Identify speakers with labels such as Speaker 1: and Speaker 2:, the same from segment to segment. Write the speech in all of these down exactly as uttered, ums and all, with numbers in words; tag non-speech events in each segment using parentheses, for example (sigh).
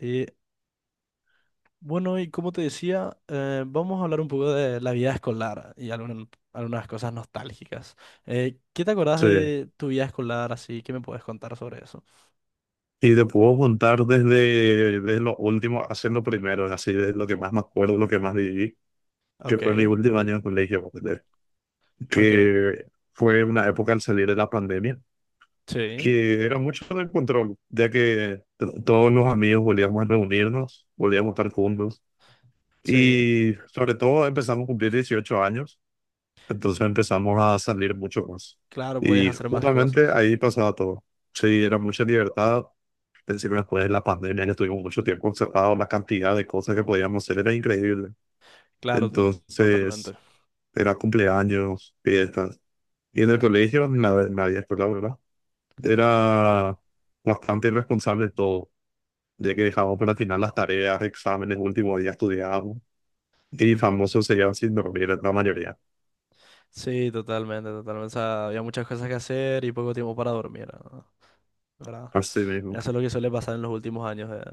Speaker 1: Eh, bueno, y como te decía, eh, vamos a hablar un poco de la vida escolar y algunas, algunas cosas nostálgicas. Eh, ¿qué te acordás
Speaker 2: Sí.
Speaker 1: de tu vida escolar así? ¿Qué me puedes contar sobre eso?
Speaker 2: Y te puedo juntar desde, desde lo último, haciendo primero, así de lo que más me acuerdo, lo que más viví, que
Speaker 1: Ok,
Speaker 2: fue mi último año de colegio, ponele,
Speaker 1: ok.
Speaker 2: que fue una época al salir de la pandemia,
Speaker 1: Sí,
Speaker 2: que era mucho de control, ya que t- todos los amigos volvíamos a reunirnos, volvíamos a estar juntos,
Speaker 1: sí.
Speaker 2: y sobre todo empezamos a cumplir dieciocho años, entonces empezamos a salir mucho más.
Speaker 1: Claro, puedes
Speaker 2: Y
Speaker 1: hacer más
Speaker 2: justamente
Speaker 1: cosas.
Speaker 2: ahí pasaba todo. Sí, era mucha libertad. Es decir, después de la pandemia que estuvimos mucho tiempo encerrados, la cantidad de cosas que podíamos hacer era increíble.
Speaker 1: Claro, to-
Speaker 2: Entonces,
Speaker 1: totalmente.
Speaker 2: era cumpleaños, fiestas. Y en el colegio, nadie, nadie escuela, ¿verdad? Era bastante irresponsable de todo, ya que dejábamos para el final las tareas, exámenes, último día estudiábamos. Y famosos se quedaban sin dormir, la mayoría.
Speaker 1: Sí, totalmente, totalmente. O sea, había muchas cosas que hacer y poco tiempo para dormir, ¿no? ¿Verdad?
Speaker 2: Así mismo.
Speaker 1: Eso es lo que suele pasar en los últimos años de,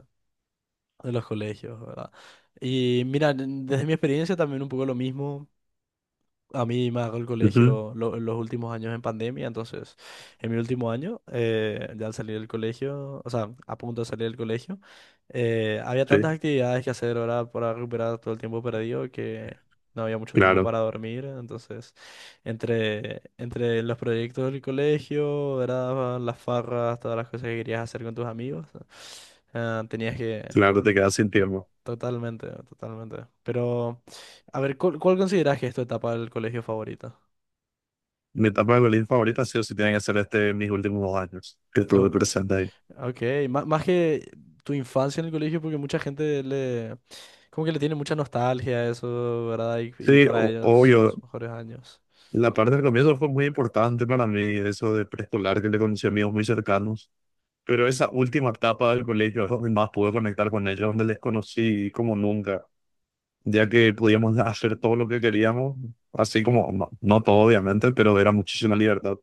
Speaker 1: de los colegios, ¿verdad? Y mira, n- desde mi experiencia también un poco lo mismo. A mí me agarró el
Speaker 2: Ujú.
Speaker 1: colegio lo- los últimos años en pandemia, entonces en mi último año, eh, ya al salir del colegio, o sea, a punto de salir del colegio, eh, había
Speaker 2: Sí,
Speaker 1: tantas actividades que hacer ahora para recuperar todo el tiempo perdido que no había mucho tiempo
Speaker 2: claro,
Speaker 1: para dormir, entonces entre, entre los proyectos del colegio, ¿verdad?, las farras, todas las cosas que querías hacer con tus amigos, eh, tenías que...
Speaker 2: claro, te quedas sin tiempo.
Speaker 1: Totalmente, totalmente. Pero, a ver, ¿cuál, cuál consideras que es tu etapa del colegio favorita?
Speaker 2: Mi etapa de colegio favorita ha sido, si tienen que ser, este, mis últimos dos años, que
Speaker 1: Lo-
Speaker 2: estuve presente ahí.
Speaker 1: Ok, má- más que tu infancia en el colegio, porque mucha gente le, como que le tiene mucha nostalgia a eso, ¿verdad? Y, y
Speaker 2: Sí,
Speaker 1: para
Speaker 2: o-
Speaker 1: ellos son los
Speaker 2: obvio.
Speaker 1: mejores años.
Speaker 2: La parte del comienzo fue muy importante para mí, eso de preescolar, que le conocí a amigos muy cercanos. Pero esa última etapa del colegio es donde más pude conectar con ellos, donde les conocí como nunca, ya que podíamos hacer todo lo que queríamos, así como, no, no todo obviamente, pero era muchísima libertad.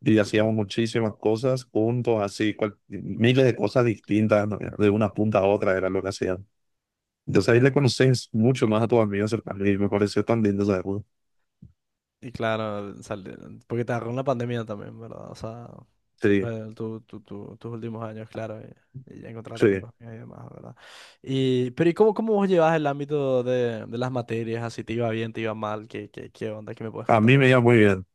Speaker 2: Y hacíamos
Speaker 1: Claro,
Speaker 2: muchísimas cosas juntos, así, cual- miles de cosas distintas, ¿no? De una punta a otra era lo que hacían. Entonces ahí le
Speaker 1: claro.
Speaker 2: conoces mucho más a tus amigos cercanos y me pareció tan lindo esa época.
Speaker 1: Y claro, sale- porque te agarró la pandemia también, ¿verdad? O sea,
Speaker 2: Sí.
Speaker 1: eh, tu- tu- tu- tus últimos años, claro, y, y ya encontrarte con
Speaker 2: Sí.
Speaker 1: tus amigos y demás, ¿verdad? Y, pero ¿y cómo, cómo vos llevas el ámbito de, de las materias? Así, ¿te iba bien, te iba mal? ¿Qué, qué, qué onda? ¿Qué me puedes
Speaker 2: A
Speaker 1: contar
Speaker 2: mí
Speaker 1: de
Speaker 2: me iba
Speaker 1: eso?
Speaker 2: muy bien.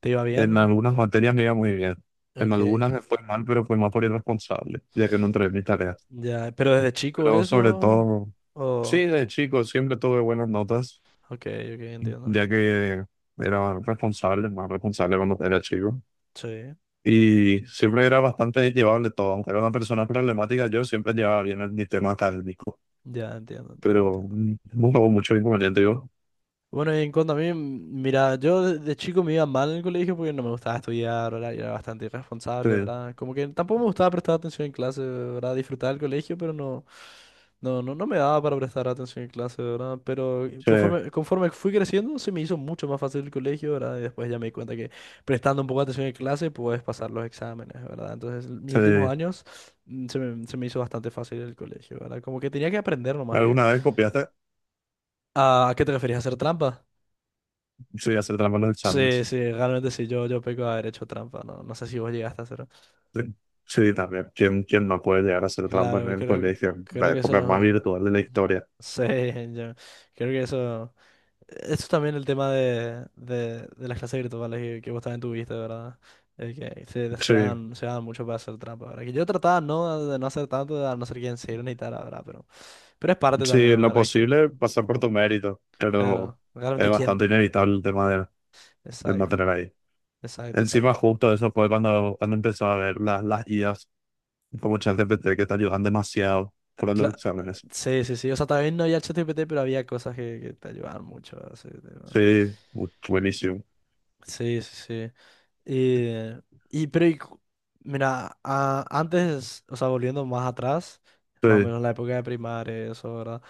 Speaker 1: ¿Te iba
Speaker 2: En
Speaker 1: bien?
Speaker 2: algunas materias me iba muy bien. En
Speaker 1: Ok.
Speaker 2: algunas me fue mal, pero fue más por irresponsable, ya que no entregué mis tareas.
Speaker 1: Ya, pero desde chico
Speaker 2: Pero sobre
Speaker 1: eso.
Speaker 2: todo, sí,
Speaker 1: Oh,
Speaker 2: de chico siempre tuve buenas notas,
Speaker 1: ok, ok, entiendo.
Speaker 2: ya que era responsable, más responsable cuando era chico.
Speaker 1: Sí,
Speaker 2: Y siempre era bastante llevable todo. Aunque era una persona problemática, yo siempre llevaba bien el, mi tema académico.
Speaker 1: ya entiendo, entiendo,
Speaker 2: Pero
Speaker 1: entiendo.
Speaker 2: mm, nunca hubo mucho inconveniente. Yo,
Speaker 1: Bueno, y en cuanto a mí, mm, mira, yo de de chico me iba mal en el colegio porque no me gustaba estudiar, ¿verdad? Y era bastante
Speaker 2: sí,
Speaker 1: irresponsable, ¿verdad? Como que tampoco me gustaba prestar atención en clase, ¿verdad? Disfrutaba el colegio, pero no, no, no, no me daba para prestar atención en clase, ¿verdad? Pero
Speaker 2: sí,
Speaker 1: conforme, conforme fui creciendo, se me hizo mucho más fácil el colegio, ¿verdad? Y después ya me di cuenta que prestando un poco de atención en clase puedes pasar los exámenes, ¿verdad? Entonces, l- mis
Speaker 2: sí.
Speaker 1: últimos años mm, se me, se me hizo bastante fácil el colegio, ¿verdad? Como que tenía que aprender nomás que...
Speaker 2: ¿Alguna vez copiaste?
Speaker 1: ¿A qué te referías? ¿A hacer trampa?
Speaker 2: Sí, hacer trampa en los
Speaker 1: Sí,
Speaker 2: exámenes.
Speaker 1: sí, realmente sí, yo, yo peco de haber hecho trampa, no, no sé si vos llegaste a hacerlo.
Speaker 2: Sí, también. ¿Quién, quién no puede llegar a hacer trampa en
Speaker 1: Claro,
Speaker 2: el
Speaker 1: creo,
Speaker 2: colegio?
Speaker 1: creo
Speaker 2: La
Speaker 1: que
Speaker 2: época más
Speaker 1: eso,
Speaker 2: virtual de la historia.
Speaker 1: sí, yo creo que eso, eso es también el tema de, de, de las clases virtuales que, que vos también tuviste, ¿verdad? Eh, que se, se
Speaker 2: Sí,
Speaker 1: dan, se dan mucho para hacer trampa, ¿verdad? Que yo trataba no, de no hacer tanto, a no ser quien se ni tal, ¿verdad? Pero, pero es parte
Speaker 2: sí, en
Speaker 1: también,
Speaker 2: lo
Speaker 1: ¿verdad? Que,
Speaker 2: posible pasar por tu mérito, pero
Speaker 1: claro,
Speaker 2: es
Speaker 1: realmente quién.
Speaker 2: bastante inevitable el tema de, de no
Speaker 1: Exacto,
Speaker 2: tener ahí.
Speaker 1: exacto, exacto.
Speaker 2: Encima,
Speaker 1: Exacto.
Speaker 2: justo eso fue cuando, cuando empezó a ver las, las I As, como ChatGPT, que te ayudan demasiado para los
Speaker 1: Cla-
Speaker 2: exámenes.
Speaker 1: Sí, sí, sí. O sea, también no había ChatGPT, pero había cosas que, que te ayudaban mucho a ese tema.
Speaker 2: Sí, bu- buenísimo.
Speaker 1: Sí, sí, sí. Eh, y, pero, y cu- mira, a- antes, o sea, volviendo más atrás, más o
Speaker 2: Sí,
Speaker 1: menos en la época de primaria, eso, ¿verdad?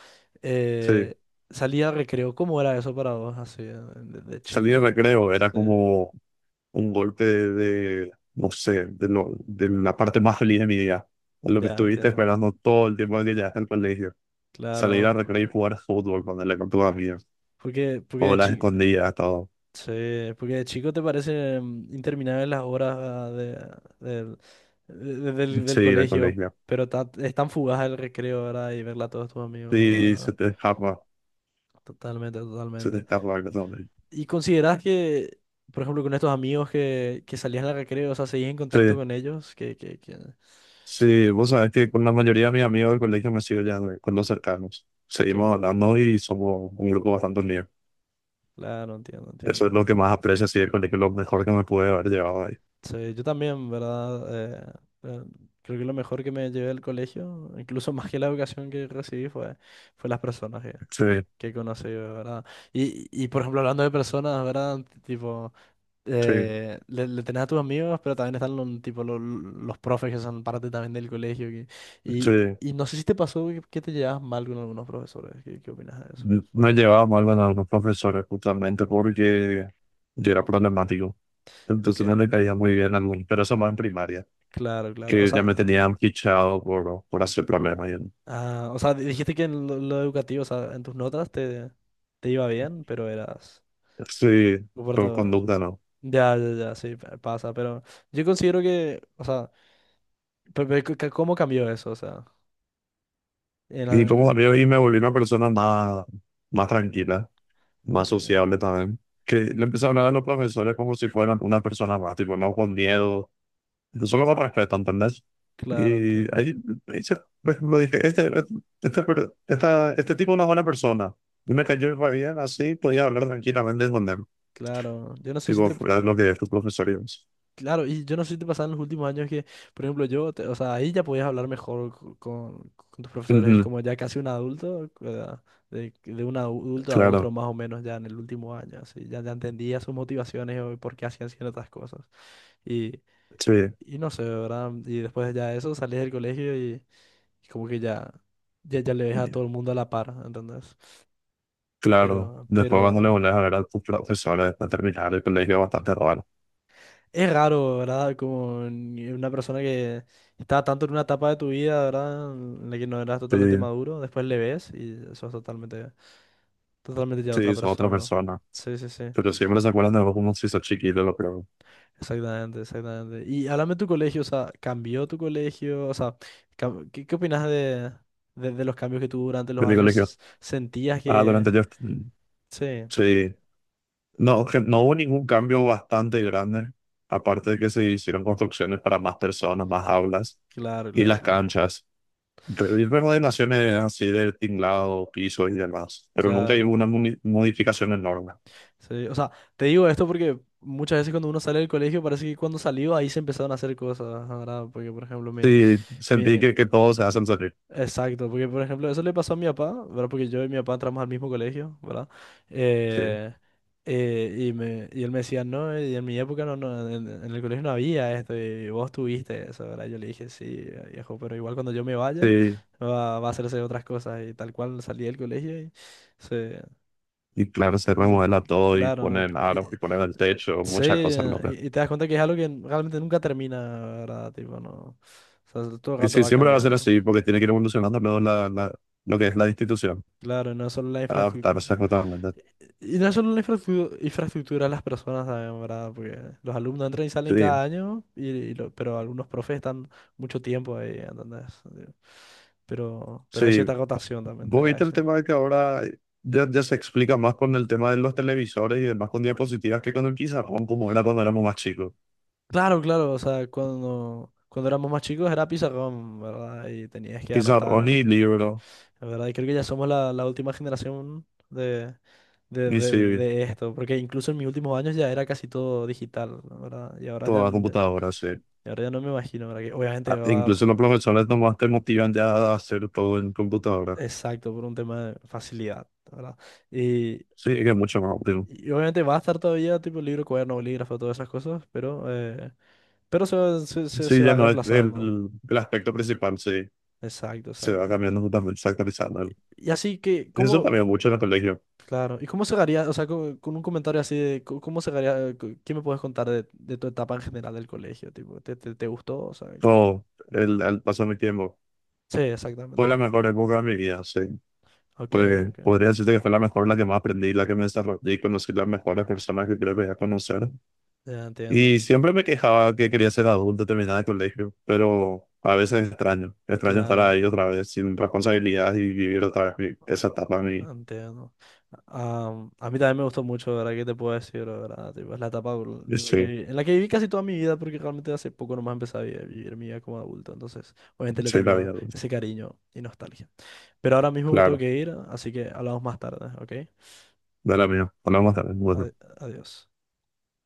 Speaker 2: sí.
Speaker 1: Eh, salía recreo, ¿cómo era eso para vos, así, de, de chico?
Speaker 2: Salir de
Speaker 1: que-
Speaker 2: recreo era
Speaker 1: Sí,
Speaker 2: como un golpe de, de, no sé, de, lo, de la parte más feliz de mi día. Lo que
Speaker 1: ya
Speaker 2: estuviste
Speaker 1: entiendo.
Speaker 2: esperando todo el tiempo que llegaste al colegio. Salir
Speaker 1: Claro.
Speaker 2: a recrear y jugar fútbol con el con tus amigos.
Speaker 1: Porque, porque
Speaker 2: O
Speaker 1: de
Speaker 2: las
Speaker 1: chico.
Speaker 2: escondidas, todo.
Speaker 1: Sí, porque de chico te parecen interminables las horas ah, de, ah, del de- del- del
Speaker 2: Sí, el
Speaker 1: colegio,
Speaker 2: colegio.
Speaker 1: pero ta- es tan fugaz el recreo, ¿verdad? Y verla a todos tus amigos,
Speaker 2: Sí, se
Speaker 1: ¿verdad?
Speaker 2: te escapa.
Speaker 1: Totalmente,
Speaker 2: Se te
Speaker 1: totalmente.
Speaker 2: escapa algo todo.
Speaker 1: ¿Y consideras que, por ejemplo, con estos amigos que, que salían al recreo, o sea, seguís en contacto
Speaker 2: Sí,
Speaker 1: con ellos? Que, que, que,
Speaker 2: sí, vos sabés que con la mayoría de mis amigos del colegio me sigo ya con los cercanos.
Speaker 1: que-
Speaker 2: Seguimos hablando y somos un grupo bastante unido.
Speaker 1: claro, entiendo,
Speaker 2: Eso es lo
Speaker 1: entiendo.
Speaker 2: que más aprecio, sí, el colegio, lo mejor que me pude haber llevado ahí.
Speaker 1: Sí, yo también, ¿verdad? Eh, eh, creo que lo mejor que me llevé del colegio, incluso (laughs) más que la educación que recibí, fue, fue las personas
Speaker 2: Sí,
Speaker 1: que conocí, ¿verdad? Y, y por ejemplo, hablando de personas, ¿verdad? Tipo,
Speaker 2: sí,
Speaker 1: eh, le, le tenés a tus amigos, pero también están los, tipo, los, los profes que son parte también del colegio. Que- y,
Speaker 2: sí.
Speaker 1: y no sé si te pasó que, que te llevas mal con algunos profesores. ¿Qué, qué opinas de eso?
Speaker 2: No llevaba mal con algunos profesores justamente porque yo era problemático.
Speaker 1: Ok,
Speaker 2: Entonces no le caía muy bien a algunos, pero eso más en primaria,
Speaker 1: claro, claro. O
Speaker 2: que ya
Speaker 1: sea,
Speaker 2: me tenían fichado por, por hacer problemas. Y-
Speaker 1: ah, o sea, dijiste que en lo, lo educativo, o sea, en tus notas te, te iba bien, pero eras...
Speaker 2: Sí, por
Speaker 1: comporto-
Speaker 2: conducta no.
Speaker 1: Ya, ya, ya, sí, pa- pasa, pero yo considero que, o sea, pe- pe- ca- ¿cómo cambió eso? O sea...
Speaker 2: Y como también ahí me volví una persona más, más tranquila, más
Speaker 1: Ok,
Speaker 2: sociable también, que le
Speaker 1: en-
Speaker 2: empecé a hablar a los profesores como si fueran una persona más, tipo, no con miedo, solo me respetan, ¿entendés?
Speaker 1: claro,
Speaker 2: Y
Speaker 1: entiendo.
Speaker 2: ahí, ahí se- pues, lo dije, este, este, per- esta- este tipo no es una buena persona. Y me cayó re bien, así podía hablar tranquilamente con él.
Speaker 1: Claro, yo no sé si
Speaker 2: Tipo,
Speaker 1: te...
Speaker 2: era lo que tus profesores.
Speaker 1: Claro, y yo no sé si te pasaba en los últimos años que, por ejemplo, yo, te- o sea, ahí ya podías hablar mejor co- con, con tus profesores,
Speaker 2: Ujú.
Speaker 1: como ya casi un adulto, ¿verdad? De, de un adulto a otro
Speaker 2: Claro,
Speaker 1: más o menos ya en el último año, así, ya, ya entendía sus motivaciones o por qué hacían ciertas cosas. Y,
Speaker 2: sí,
Speaker 1: y no sé, ¿verdad? Y después ya de eso salís del colegio y, y como que ya, ya, ya le ves a todo el mundo a la par, ¿entendés?
Speaker 2: claro.
Speaker 1: Pero,
Speaker 2: Después cuando le
Speaker 1: pero...
Speaker 2: volvés a ver a tus profesores después de terminar el colegio, es bastante raro.
Speaker 1: Es raro, ¿verdad? Como ni- una persona que está tanto en una etapa de tu vida, ¿verdad? En la que no eras
Speaker 2: Sí,
Speaker 1: totalmente maduro, después le ves y sos totalmente, totalmente ya
Speaker 2: sí,
Speaker 1: otra
Speaker 2: es otra
Speaker 1: persona.
Speaker 2: persona.
Speaker 1: Sí, sí, sí,
Speaker 2: Pero siempre se acuerdan de vos como si sos chiquito, lo creo.
Speaker 1: exactamente, exactamente. Y háblame de tu colegio, o sea, ¿cambió tu colegio? O sea, cam- ¿qué, qué opinas de, de, de los cambios que tuvo durante
Speaker 2: De
Speaker 1: los
Speaker 2: mi
Speaker 1: años?
Speaker 2: colegio.
Speaker 1: s- ¿Sentías
Speaker 2: Ah,
Speaker 1: que...?
Speaker 2: durante yo.
Speaker 1: Sí,
Speaker 2: Sí. No, que no hubo ningún cambio bastante grande, aparte de que se hicieron construcciones para más personas, más aulas
Speaker 1: claro,
Speaker 2: y
Speaker 1: claro,
Speaker 2: las
Speaker 1: claro.
Speaker 2: canchas. Re- y Remodelaciones así de tinglado, piso y demás, pero nunca
Speaker 1: Claro.
Speaker 2: hubo una muni- modificación enorme.
Speaker 1: Sí, o sea, te digo esto porque muchas veces cuando uno sale del colegio parece que cuando salió ahí se empezaron a hacer cosas, ¿verdad? Porque, por ejemplo, mi,
Speaker 2: Sí, sentí
Speaker 1: mi...
Speaker 2: que, que todo se hacen salir.
Speaker 1: Exacto, porque, por ejemplo, eso le pasó a mi papá, ¿verdad? Porque yo y mi papá entramos al mismo colegio, ¿verdad?
Speaker 2: Sí,
Speaker 1: Eh, eh, y, me, y él me decía, no, eh, y en mi época no, no, en, en el colegio no había esto, y vos tuviste eso, ¿verdad? Yo le dije, sí, viejo, pero igual cuando yo me vaya
Speaker 2: sí.
Speaker 1: va, va a hacerse otras cosas, y tal cual salí del colegio y se...
Speaker 2: Y claro, se
Speaker 1: y-
Speaker 2: remodela todo y
Speaker 1: Claro,
Speaker 2: ponen aros
Speaker 1: eh,
Speaker 2: y ponen el techo,
Speaker 1: sí,
Speaker 2: muchas cosas locas.
Speaker 1: y, y te das cuenta que es algo que realmente nunca termina, ¿verdad? Tipo, no. O sea, todo el
Speaker 2: Y
Speaker 1: rato
Speaker 2: sí,
Speaker 1: va
Speaker 2: siempre va a ser
Speaker 1: cambiando.
Speaker 2: así, porque tiene que ir evolucionando luego la, la- lo que es la institución,
Speaker 1: Claro, no es solo la
Speaker 2: adaptarse
Speaker 1: infraestructura.
Speaker 2: totalmente.
Speaker 1: Y no es solo la infraestru- infraestructura, las personas también, ¿verdad? Porque los alumnos entran y salen
Speaker 2: Sí.
Speaker 1: cada año, y, y lo- pero algunos profes están mucho tiempo ahí, ¿entendés? Sí. Pero, pero hay
Speaker 2: Sí,
Speaker 1: cierta rotación también, te
Speaker 2: vos
Speaker 1: voy a
Speaker 2: viste el
Speaker 1: decir.
Speaker 2: tema de que ahora ya, ya se explica más con el tema de los televisores y demás con diapositivas que con el pizarrón, como era cuando éramos más chicos.
Speaker 1: Claro, claro, o sea, cuando, cuando éramos más chicos era pizarrón, ¿verdad? Y tenías que
Speaker 2: Pizarrón
Speaker 1: anotar,
Speaker 2: ni libro,
Speaker 1: ¿verdad? Y creo que ya somos la, la última generación de de,
Speaker 2: ni
Speaker 1: de-
Speaker 2: serie,
Speaker 1: de esto, porque incluso en mis últimos años ya era casi todo digital, ¿no? ¿Verdad? Y ahora ya,
Speaker 2: toda
Speaker 1: n-
Speaker 2: computadora, sí.
Speaker 1: y ahora ya no me imagino, ¿verdad? Que obviamente
Speaker 2: Ah, incluso los
Speaker 1: va
Speaker 2: profesores nomás te motivan ya a hacer todo en computadora.
Speaker 1: exacto por un tema de facilidad, ¿verdad? Y,
Speaker 2: Sí, es que es mucho más óptimo.
Speaker 1: y obviamente va a estar todavía tipo libro, cuaderno, bolígrafo, todas esas cosas, pero, eh, pero se, va- se, se,
Speaker 2: Sí,
Speaker 1: se
Speaker 2: ya
Speaker 1: va
Speaker 2: no es
Speaker 1: reemplazando.
Speaker 2: el, el aspecto principal, sí.
Speaker 1: Exacto,
Speaker 2: Se va
Speaker 1: exacto.
Speaker 2: cambiando totalmente, se va actualizando.
Speaker 1: Y así que,
Speaker 2: Eso
Speaker 1: ¿cómo?
Speaker 2: cambió mucho en el colegio.
Speaker 1: Claro, ¿y cómo cerraría? O sea, co- con, un comentario así de, co- ¿cómo cerraría? co- ¿Qué me puedes contar de, de tu etapa en general del colegio? Tipo, ¿te, te, te gustó? O sea,
Speaker 2: Todo, el, el paso de mi tiempo.
Speaker 1: sí, exactamente.
Speaker 2: Fue la mejor época de mi vida, sí.
Speaker 1: Ok,
Speaker 2: Pues
Speaker 1: ok.
Speaker 2: podría decirte que fue la mejor, la que más aprendí, la que me desarrollé, conocí las mejores personas que creo que voy a conocer.
Speaker 1: Ya entiendo.
Speaker 2: Y siempre me quejaba que quería ser adulto, terminar el colegio, pero a veces extraño, extraño estar
Speaker 1: Claro,
Speaker 2: ahí otra vez sin responsabilidad y vivir otra vez mi- esa etapa de mi,
Speaker 1: entiendo. Am, a mí también me gustó mucho, ¿verdad? ¿Qué te puedo decir, verdad? Tipo, es la etapa por- en la que,
Speaker 2: sí,
Speaker 1: vi- en la que viví casi toda mi vida, porque realmente hace poco nomás empecé a vi- a vivir, mi vida como adulto. Entonces, obviamente le
Speaker 2: sí, la
Speaker 1: tengo
Speaker 2: vida adulta.
Speaker 1: ese cariño y nostalgia. Pero ahora mismo me tengo
Speaker 2: Claro,
Speaker 1: que ir, así que hablamos más tarde, ¿ok?
Speaker 2: de la mía. Hablamos tarde.
Speaker 1: Adi- Adiós.